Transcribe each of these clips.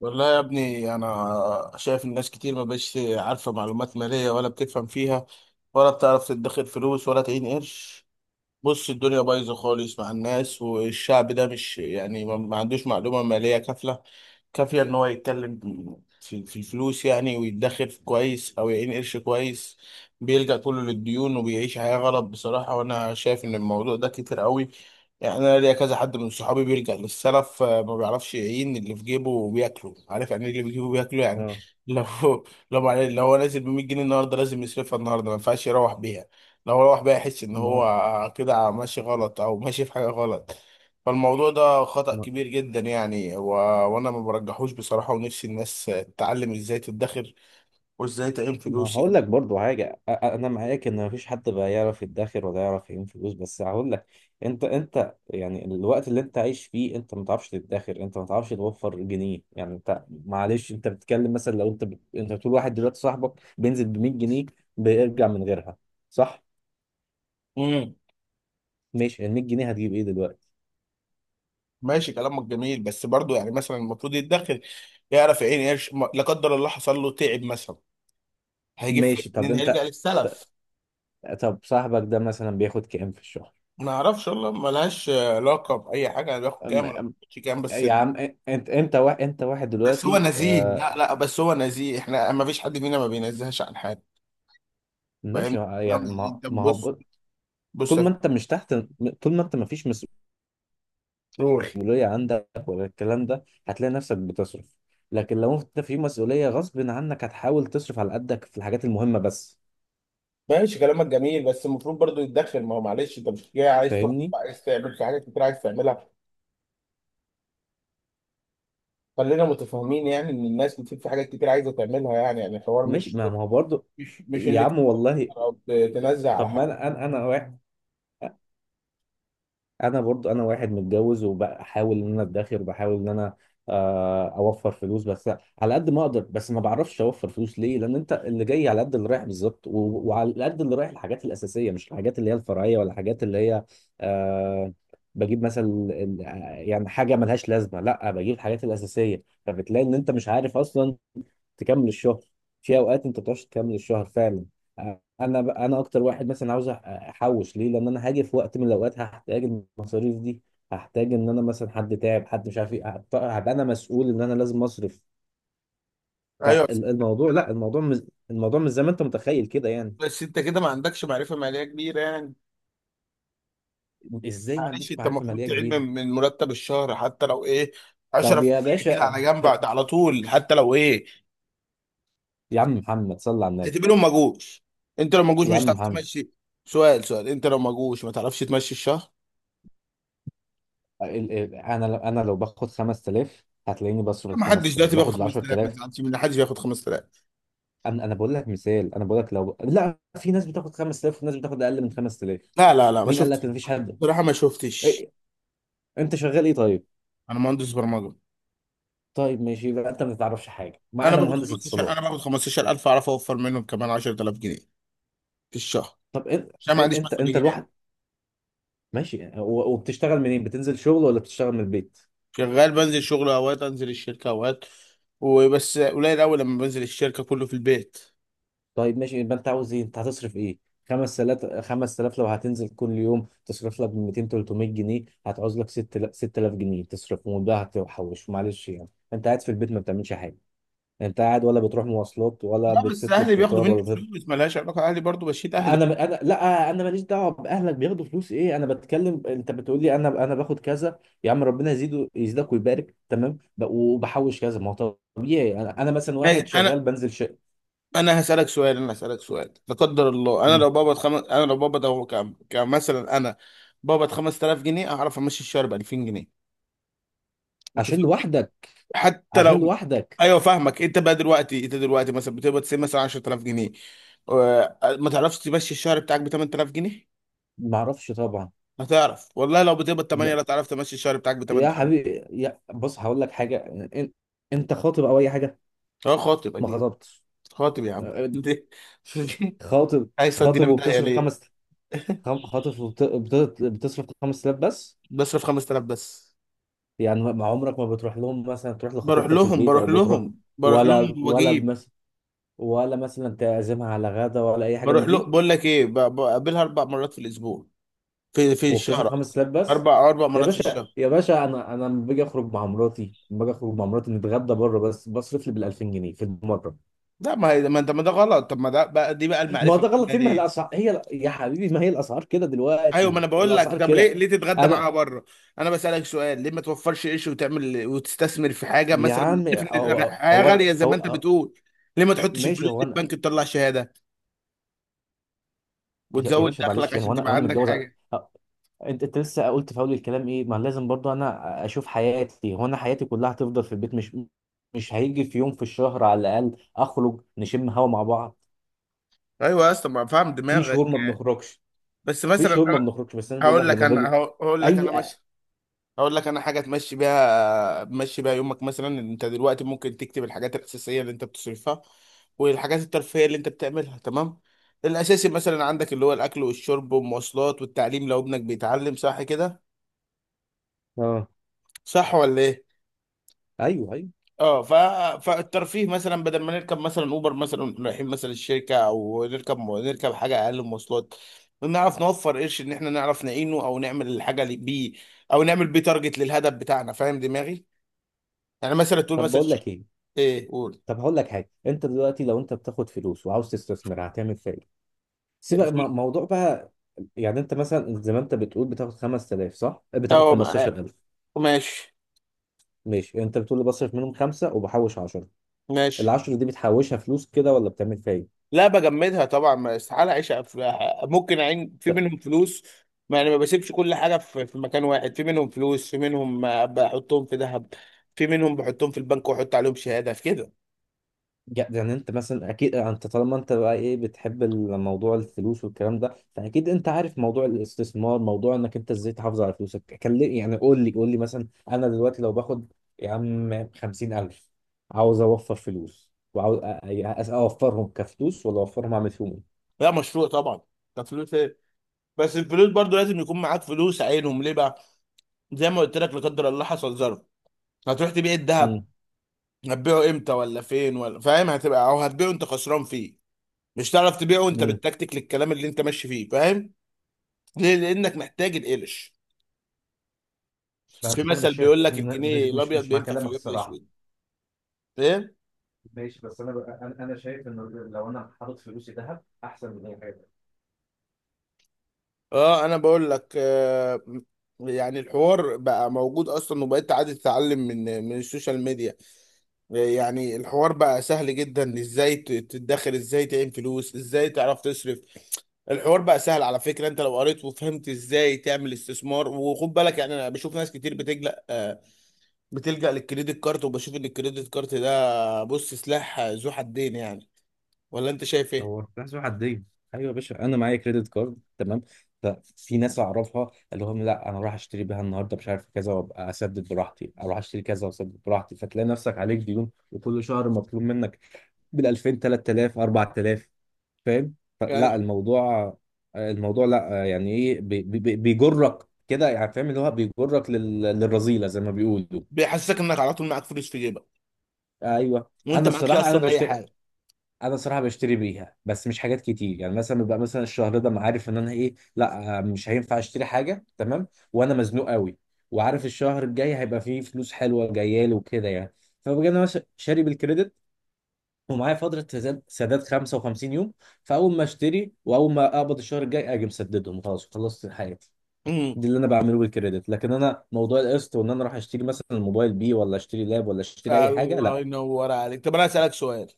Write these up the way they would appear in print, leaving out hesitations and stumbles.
والله يا ابني انا شايف الناس كتير ما بقتش عارفه معلومات ماليه ولا بتفهم فيها، ولا بتعرف تدخر فلوس ولا تعين قرش. بص، الدنيا بايظه خالص مع الناس، والشعب ده مش يعني ما عندوش معلومه ماليه كافيه ان هو يتكلم في الفلوس يعني، ويدخر في كويس او يعين قرش كويس. بيلجأ كله للديون وبيعيش حياه غلط بصراحه، وانا شايف ان الموضوع ده كتير قوي. يعني انا ليا كذا حد من صحابي بيلجأ للسلف ما بيعرفش يعين اللي في جيبه وبياكله، عارف يعني إيه اللي في جيبه بياكله يعني. اه، لو لو هو نازل ب 100 جنيه النهارده لازم يصرفها النهارده، ما ينفعش يروح بيها. لو هو الواحد بقى يحس ان ما هو كده ماشي غلط او ماشي في حاجه غلط، فالموضوع ده خطأ ما, كبير جدا يعني وانا ما برجحوش بصراحه، ونفسي الناس تتعلم ازاي تدخر وازاي تعين ما فلوس هقول يعني. لك برضو حاجة، أنا معاك إن مفيش حد بقى يعرف يدخر ولا يعرف يعين فلوس، بس هقول لك. أنت يعني الوقت اللي أنت عايش فيه، أنت ما تعرفش تدخر، أنت ما تعرفش توفر جنيه، يعني أنت معلش. أنت بتتكلم مثلا، لو أنت بتقول واحد دلوقتي صاحبك بينزل ب 100 جنيه، بيرجع من غيرها، صح؟ امم. ماشي، ال 100 جنيه هتجيب إيه دلوقتي؟ ماشي كلامك جميل، بس برضو يعني مثلا المفروض يدخر، يعرف يعين قرش لا قدر الله حصل له تعب مثلا، هيجيب ماشي، فلوس طب منين؟ هيرجع أنت، للسلف. ط- طب صاحبك ده مثلا بياخد كام في الشهر؟ ما اعرفش والله، ملهاش علاقه باي حاجه يعني، بياخد كام أم- ولا أم- بياخدش كام بس. يا عم، أنت واحد بس هو دلوقتي، نزيه، لا لا، بس هو نزيه، احنا ما فيش حد فينا ما بينزهش عن حاجه. ماشي. فاهمني؟ فاهم؟ يعني ما انت ما هو بص، بص. طول ما انت مش تحت، طول ما انت ما فيش قول. مسؤولية عندك ولا الكلام ده، هتلاقي نفسك بتصرف. لكن لو انت في مسؤولية غصب عنك، هتحاول تصرف على قدك في الحاجات المهمة بس. ماشي كلامك جميل، بس المفروض برضو يتدخل، ما هو معلش انت مش جاي عايز تخطب، فاهمني؟ عايز تعمل في حاجات كتير عايز تعملها. خلينا متفاهمين يعني، ان الناس بتبقى في حاجات كتير عايزه تعملها يعني، يعني الحوار ماشي، مش ما هو برضه، مش مش يا انك عم انت والله. او تنزل على طب ما حاجه. انا انا واحد، انا برضو انا واحد متجوز، وبحاول ان انا ادخر، وبحاول ان انا اوفر فلوس بس، على قد ما اقدر. بس ما بعرفش اوفر فلوس ليه، لان انت اللي جاي على قد اللي رايح بالظبط. وعلى قد اللي رايح الحاجات الاساسيه، مش الحاجات اللي هي الفرعيه ولا الحاجات اللي هي، آه، بجيب مثلا يعني حاجه ملهاش لازمه، لا بجيب الحاجات الاساسيه. فبتلاقي ان انت مش عارف اصلا تكمل الشهر، في اوقات انت ما بتعرفش تكمل الشهر فعلا. انا اكتر واحد مثلا عاوز احوش. ليه؟ لان انا هاجي في وقت من الاوقات هحتاج المصاريف دي، هحتاج ان انا مثلا حد تعب، حد مش عارف ايه، هبقى انا مسؤول ان انا لازم اصرف. ايوه. فالموضوع، لا الموضوع الموضوع مش زي ما انت متخيل كده، يعني. بس انت كده ما عندكش معرفه ماليه كبيره يعني. ازاي ما معلش، عنديش انت معرفه المفروض ماليه تعين كبيره؟ من مرتب الشهر، حتى لو ايه، طب يا 10% كده باشا، على جنب على طول، حتى لو ايه. يا عم محمد صلى على النبي، اعتبرهم ما جوش، انت لو ما جوش يا مش عم هتعرف محمد. تمشي. سؤال سؤال، انت لو ما جوش ما تعرفش تمشي الشهر. انا لو باخد 5000 هتلاقيني بصرف ال ما حدش 5000، دلوقتي بياخد باخد ال 5000، ما 10000. تزعلش من حدش بياخد 5000. انا بقول لك مثال، انا بقول لك، لا في ناس بتاخد 5000 وناس بتاخد اقل من 5000. لا لا لا، ما مين قال لك شفتش، ان مفيش حد؟ بصراحه ما شفتش. إيه؟ انت شغال ايه طيب؟ انا مهندس برمجه. طيب، ماشي، يبقى انت ما تعرفش حاجه، ما انا انا باخد مهندس 15، انا اتصالات. باخد 15000، اعرف اوفر منهم كمان 10000 جنيه في الشهر، طب انت، عشان ما عنديش انت مسؤوليات. الواحد، ماشي. وبتشتغل منين، بتنزل شغل ولا بتشتغل من البيت؟ شغال بنزل شغل، اوقات انزل الشركه اوقات، وبس قليل قوي لما بنزل الشركه، كله في البيت. طيب، ماشي، يبقى انت عاوز ايه، انت هتصرف ايه؟ 5000. 5000 لو هتنزل كل يوم تصرف لك 200 300 جنيه، هتعوز لك 6000. 6000 جنيه تصرفهم، وده هتحوش؟ معلش، يعني انت قاعد في البيت ما بتعملش حاجه، انت قاعد. ولا بتروح مواصلات، ولا لا بس بتطلب اهلي بياخدوا فطار، مني ولا بتطلب؟ فلوس، ملهاش علاقه، اهلي برضو بشيل اهلي. انا، لا انا ماليش دعوه باهلك بياخدوا فلوس ايه. انا بتكلم، انت بتقول لي انا باخد كذا، يا عم ربنا يزيده، يزيدك ويبارك، تمام. وبحوش كذا، ما هو طبيعي. انا مثلا واحد شغال انا بنزل شقه. انا هسالك سؤال، انا هسالك سؤال، لا قدر الله انا مم. لو بقبض خمس، انا لو بقبض اهو كم كمثلا، انا بقبض 5000 جنيه اعرف امشي الشهر ب 2000 جنيه. انت عشان فاهم لوحدك؟ حتى عشان لو. لوحدك. ايوه فاهمك. انت دلوقتي مثلا بتقبض مثلا 10000 جنيه، ما تعرفش تمشي الشهر بتاعك ب 8000 جنيه. ما اعرفش طبعا. هتعرف والله، لو بتقبض 8 لا لا تعرف تمشي الشهر بتاعك ب يا 8000. حبيبي، يا بص هقول لك حاجه. إن- انت خاطب او اي حاجه؟ اه خاطب، ما اكيد خطبتش؟ خاطب يا عم. ليه؟ خاطب. عايز تودينا في داهيه وبتصرف ليه؟ 5000؟ خاطف بتصرف 5000 بس؟ بصرف 5000 بس. يعني ما عمرك ما بتروح لهم، مثلا تروح بروح لخطيبتك لهم، البيت او بروح بتروح، لهم، بروح ولا، لهم وبجيب. ولا مثلا تعزمها على غدا ولا اي حاجه بروح من له، دي، بقول لك ايه، بقابلها 4 مرات في الاسبوع، في الشهر وبتصرف قصدي. 5000 بس؟ اربع اربع يا مرات في باشا، الشهر. يا باشا، انا لما باجي اخرج مع مراتي، نتغدى بره بس، بصرف لي بال 2000 جنيه في المره. لا ما هي، ما انت، ما ده غلط، طب ما ده بقى، دي بقى ما المعرفه ده غلط إيه؟ ما هي بتعمل. الاسعار، هي يا حبيبي، ما هي الاسعار كده ايوه، ما دلوقتي، انا بقول لك، الاسعار طب ليه كده. ليه تتغدى معاها انا، بره؟ انا بسالك سؤال، ليه ما توفرش قرش وتعمل وتستثمر في حاجه يا مثلا؟ عم، عارف ان هو الحياه هو انا، غاليه زي ما انت بتقول. ليه ما تحطش ماشي الفلوس هو دي في انا. بنك تطلع شهاده يا وتزود باشا، دخلك معلش يعني، عشان وانا تبقى عندك متجوز، حاجه؟ أ- انت لسه قلت في اول الكلام ايه، ما لازم برضو انا اشوف حياتي. هو انا حياتي كلها هتفضل في البيت، مش مش هيجي في يوم في الشهر على الاقل اخرج نشم هوا مع بعض؟ ايوه يا اسطى، ما فاهم في دماغك، شهور ما بنخرجش، بس مثلا بس انا بقول لك هقول لك لما انا، باجي. هقول لك اي، انا، ماشي، هقول لك انا حاجه تمشي بيها، تمشي بيها يومك. مثلا انت دلوقتي ممكن تكتب الحاجات الاساسيه اللي انت بتصرفها، والحاجات الترفيهيه اللي انت بتعملها، تمام؟ الاساسي مثلا عندك اللي هو الاكل والشرب والمواصلات والتعليم، لو ابنك بيتعلم، صح كده؟ اه، صح ولا ايه؟ ايوه، ايوه. اه. فالترفيه مثلا، بدل ما نركب مثلا اوبر مثلا رايحين مثلا الشركه، او نركب حاجه اقل مواصلات، نعرف نوفر قرش، ان احنا نعرف نعينه، او نعمل الحاجه اللي بيه، او نعمل بيه تارجت للهدف بتاعنا. فاهم دماغي؟ يعني مثلا تقول طب مثلا بقول لك ايه؟ ايه. قول. طب هقول لك حاجه، انت دلوقتي لو انت بتاخد فلوس وعاوز تستثمر، هتعمل فيها ايه؟ سيبك، موضوع بقى. يعني انت مثلا زي ما انت بتقول بتاخد 5000، صح؟ بتاخد اه 15000. ماشي. ماشي، انت بتقول لي بصرف منهم خمسة وبحوش عشرة. ماشي. العشرة دي بتحوشها فلوس كده ولا بتعمل فيها ايه؟ لا بجمدها طبعا، ما استحاله اعيش في، ممكن اعين في ط- منهم فلوس. ما يعني، ما بسيبش كل حاجه في مكان واحد، في منهم فلوس، في منهم بحطهم في ذهب، في منهم بحطهم في البنك واحط عليهم شهاده، في كده. يعني انت مثلا، اكيد انت طالما انت بقى ايه بتحب الموضوع، الفلوس والكلام ده، فاكيد انت عارف موضوع الاستثمار، موضوع انك انت ازاي تحافظ على فلوسك كلم. يعني قول لي، مثلا، انا دلوقتي لو باخد، يا عم، 50000، عاوز اوفر فلوس، وعاوز اوفرهم كفلوس ولا اوفرهم اعمل فيهم ايه؟ لا مشروع طبعا، ده فلوس ايه. بس الفلوس برضو لازم يكون معاك فلوس، عينهم ليه بقى؟ زي ما قلت لك، لا قدر الله حصل ظرف، هتروح تبيع الذهب؟ مم. هتبيعه امتى ولا فين ولا، فاهم، هتبقى، او هتبيعه انت خسران فيه. مش هتعرف تبيعه انت مم. بالتكتيك للكلام اللي انت ماشي فيه، فاهم؟ ليه؟ لانك محتاج القلش. في بس انا مثل مش شايف بيقول لك الجنيه مش الابيض مش مع بينفع في كلامك اليوم الصراحه. الاسود. ايه؟ ماشي، بس انا بقى، أنا شايف ان لو انا حاطط فلوسي ذهب احسن من اي حاجه. اه انا بقول لك، آه. يعني الحوار بقى موجود اصلا، وبقيت عادي تتعلم من السوشيال ميديا. يعني الحوار بقى سهل جدا، ازاي تتدخل، ازاي تعين فلوس، ازاي تعرف تصرف. الحوار بقى سهل، على فكرة، انت لو قريت وفهمت ازاي تعمل استثمار. وخد بالك يعني، انا بشوف ناس كتير بتلجأ للكريدت كارت، وبشوف ان الكريدت كارت ده بص سلاح ذو حدين يعني، ولا انت شايف ايه؟ هو حسب حدين. ايوه يا باشا، انا معايا كريدت كارد، تمام. ففي ناس اعرفها اللي هم، لا، انا رايح اشتري بيها النهارده مش عارف كذا، وابقى اسدد براحتي، اروح اشتري كذا واسدد براحتي، فتلاقي نفسك عليك ديون، وكل شهر مطلوب منك بال 2000 3000 4000. فاهم؟ فلا يعني الموضوع، الموضوع لا يعني ايه، بيجرك كده يعني، فاهم؟ اللي هو بيجرك للرذيله زي ما بيقولوا. بيحسسك انك على طول معاك فلوس في جيبك، ايوه، وانت انا معكش الصراحه انا اصلا اي بشتري، حاجه. انا صراحه بشتري بيها، بس مش حاجات كتير. يعني مثلا ببقى مثلا الشهر ده أنا عارف ان انا ايه، لا مش هينفع اشتري حاجه، تمام، وانا مزنوق قوي، وعارف الشهر الجاي هيبقى فيه فلوس حلوه جايه لي وكده يعني، فبجي انا شاري بالكريدت، ومعايا فتره سداد 55 يوم، فاول ما اشتري واول ما اقبض الشهر الجاي اجي مسددهم، خلاص خلصت حياتي. امم. دي اللي انا بعمله بالكريدت. لكن انا موضوع القسط وان انا اروح اشتري مثلا الموبايل بيه، ولا اشتري لاب، ولا اشتري اي حاجه، الله لا. ينور عليك. طب انا اسالك سؤال،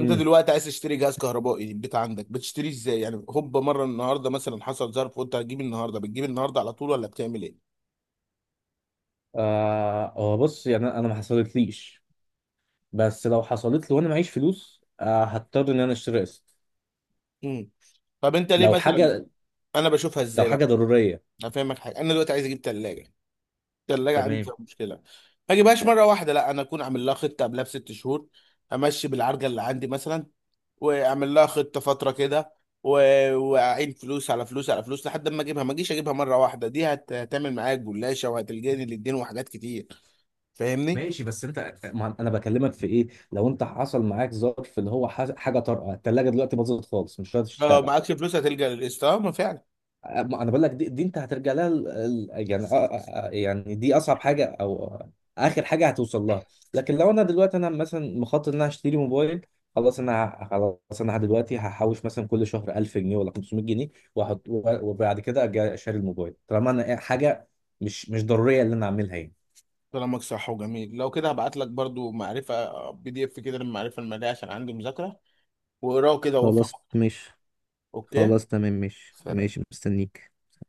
انت دلوقتي عايز تشتري جهاز كهربائي للبيت، عندك بتشتريه ازاي؟ يعني هوب مره النهارده مثلا حصل ظرف وانت هتجيب النهارده، بتجيب النهارده على طول ولا بتعمل ايه؟ آه، هو بص، يعني انا ما حصلتليش، بس لو حصلت لي وانا معيش فلوس، هضطر ان انا اشتري قسط. امم. طب انت ليه لو مثلا، حاجه انا بشوفها لو ازاي بقى، حاجه ضروريه، هفهمك حاجه. انا دلوقتي عايز اجيب ثلاجه، الثلاجه عندي تمام. فيها مشكله، ما اجيبهاش مره واحده، لا انا اكون عامل لها خطه قبلها ب6 شهور، امشي بالعرجه اللي عندي مثلا، واعمل لها خطه فتره كده، واعين فلوس على فلوس على فلوس لحد ما اجيبها. ما اجيش اجيبها مره واحده، دي هتعمل معايا جلاشه وهتلجاني للدين وحاجات كتير، فاهمني؟ ماشي، بس انت، ما انا بكلمك في ايه، لو انت حصل معاك ظرف اللي هو حاجه طارئه، الثلاجه دلوقتي باظت خالص، مش قادر اه تشتغل. معكش فلوس هتلجأ للقسط، اه ما فعلا. ما انا بقول لك، دي انت هترجع لها، يعني، يعني دي اصعب حاجه او اخر حاجه هتوصل لها. لكن لو انا دلوقتي، انا مثلا مخطط ان انا اشتري موبايل، خلاص انا خلاص انا دلوقتي هحوش مثلا كل شهر 1000 جنيه ولا 500 جنيه، واحط، وبعد كده اجي اشتري الموبايل، طالما انا إيه، حاجه مش ضروريه اللي انا اعملها يعني. كلامك صح وجميل. لو كده هبعت لك برضو معرفه بي دي اف كده للمعرفه الماليه، عشان عندي مذاكره، واقراه كده وافهم. خلاص مش، اوكي. خلاص. سلام.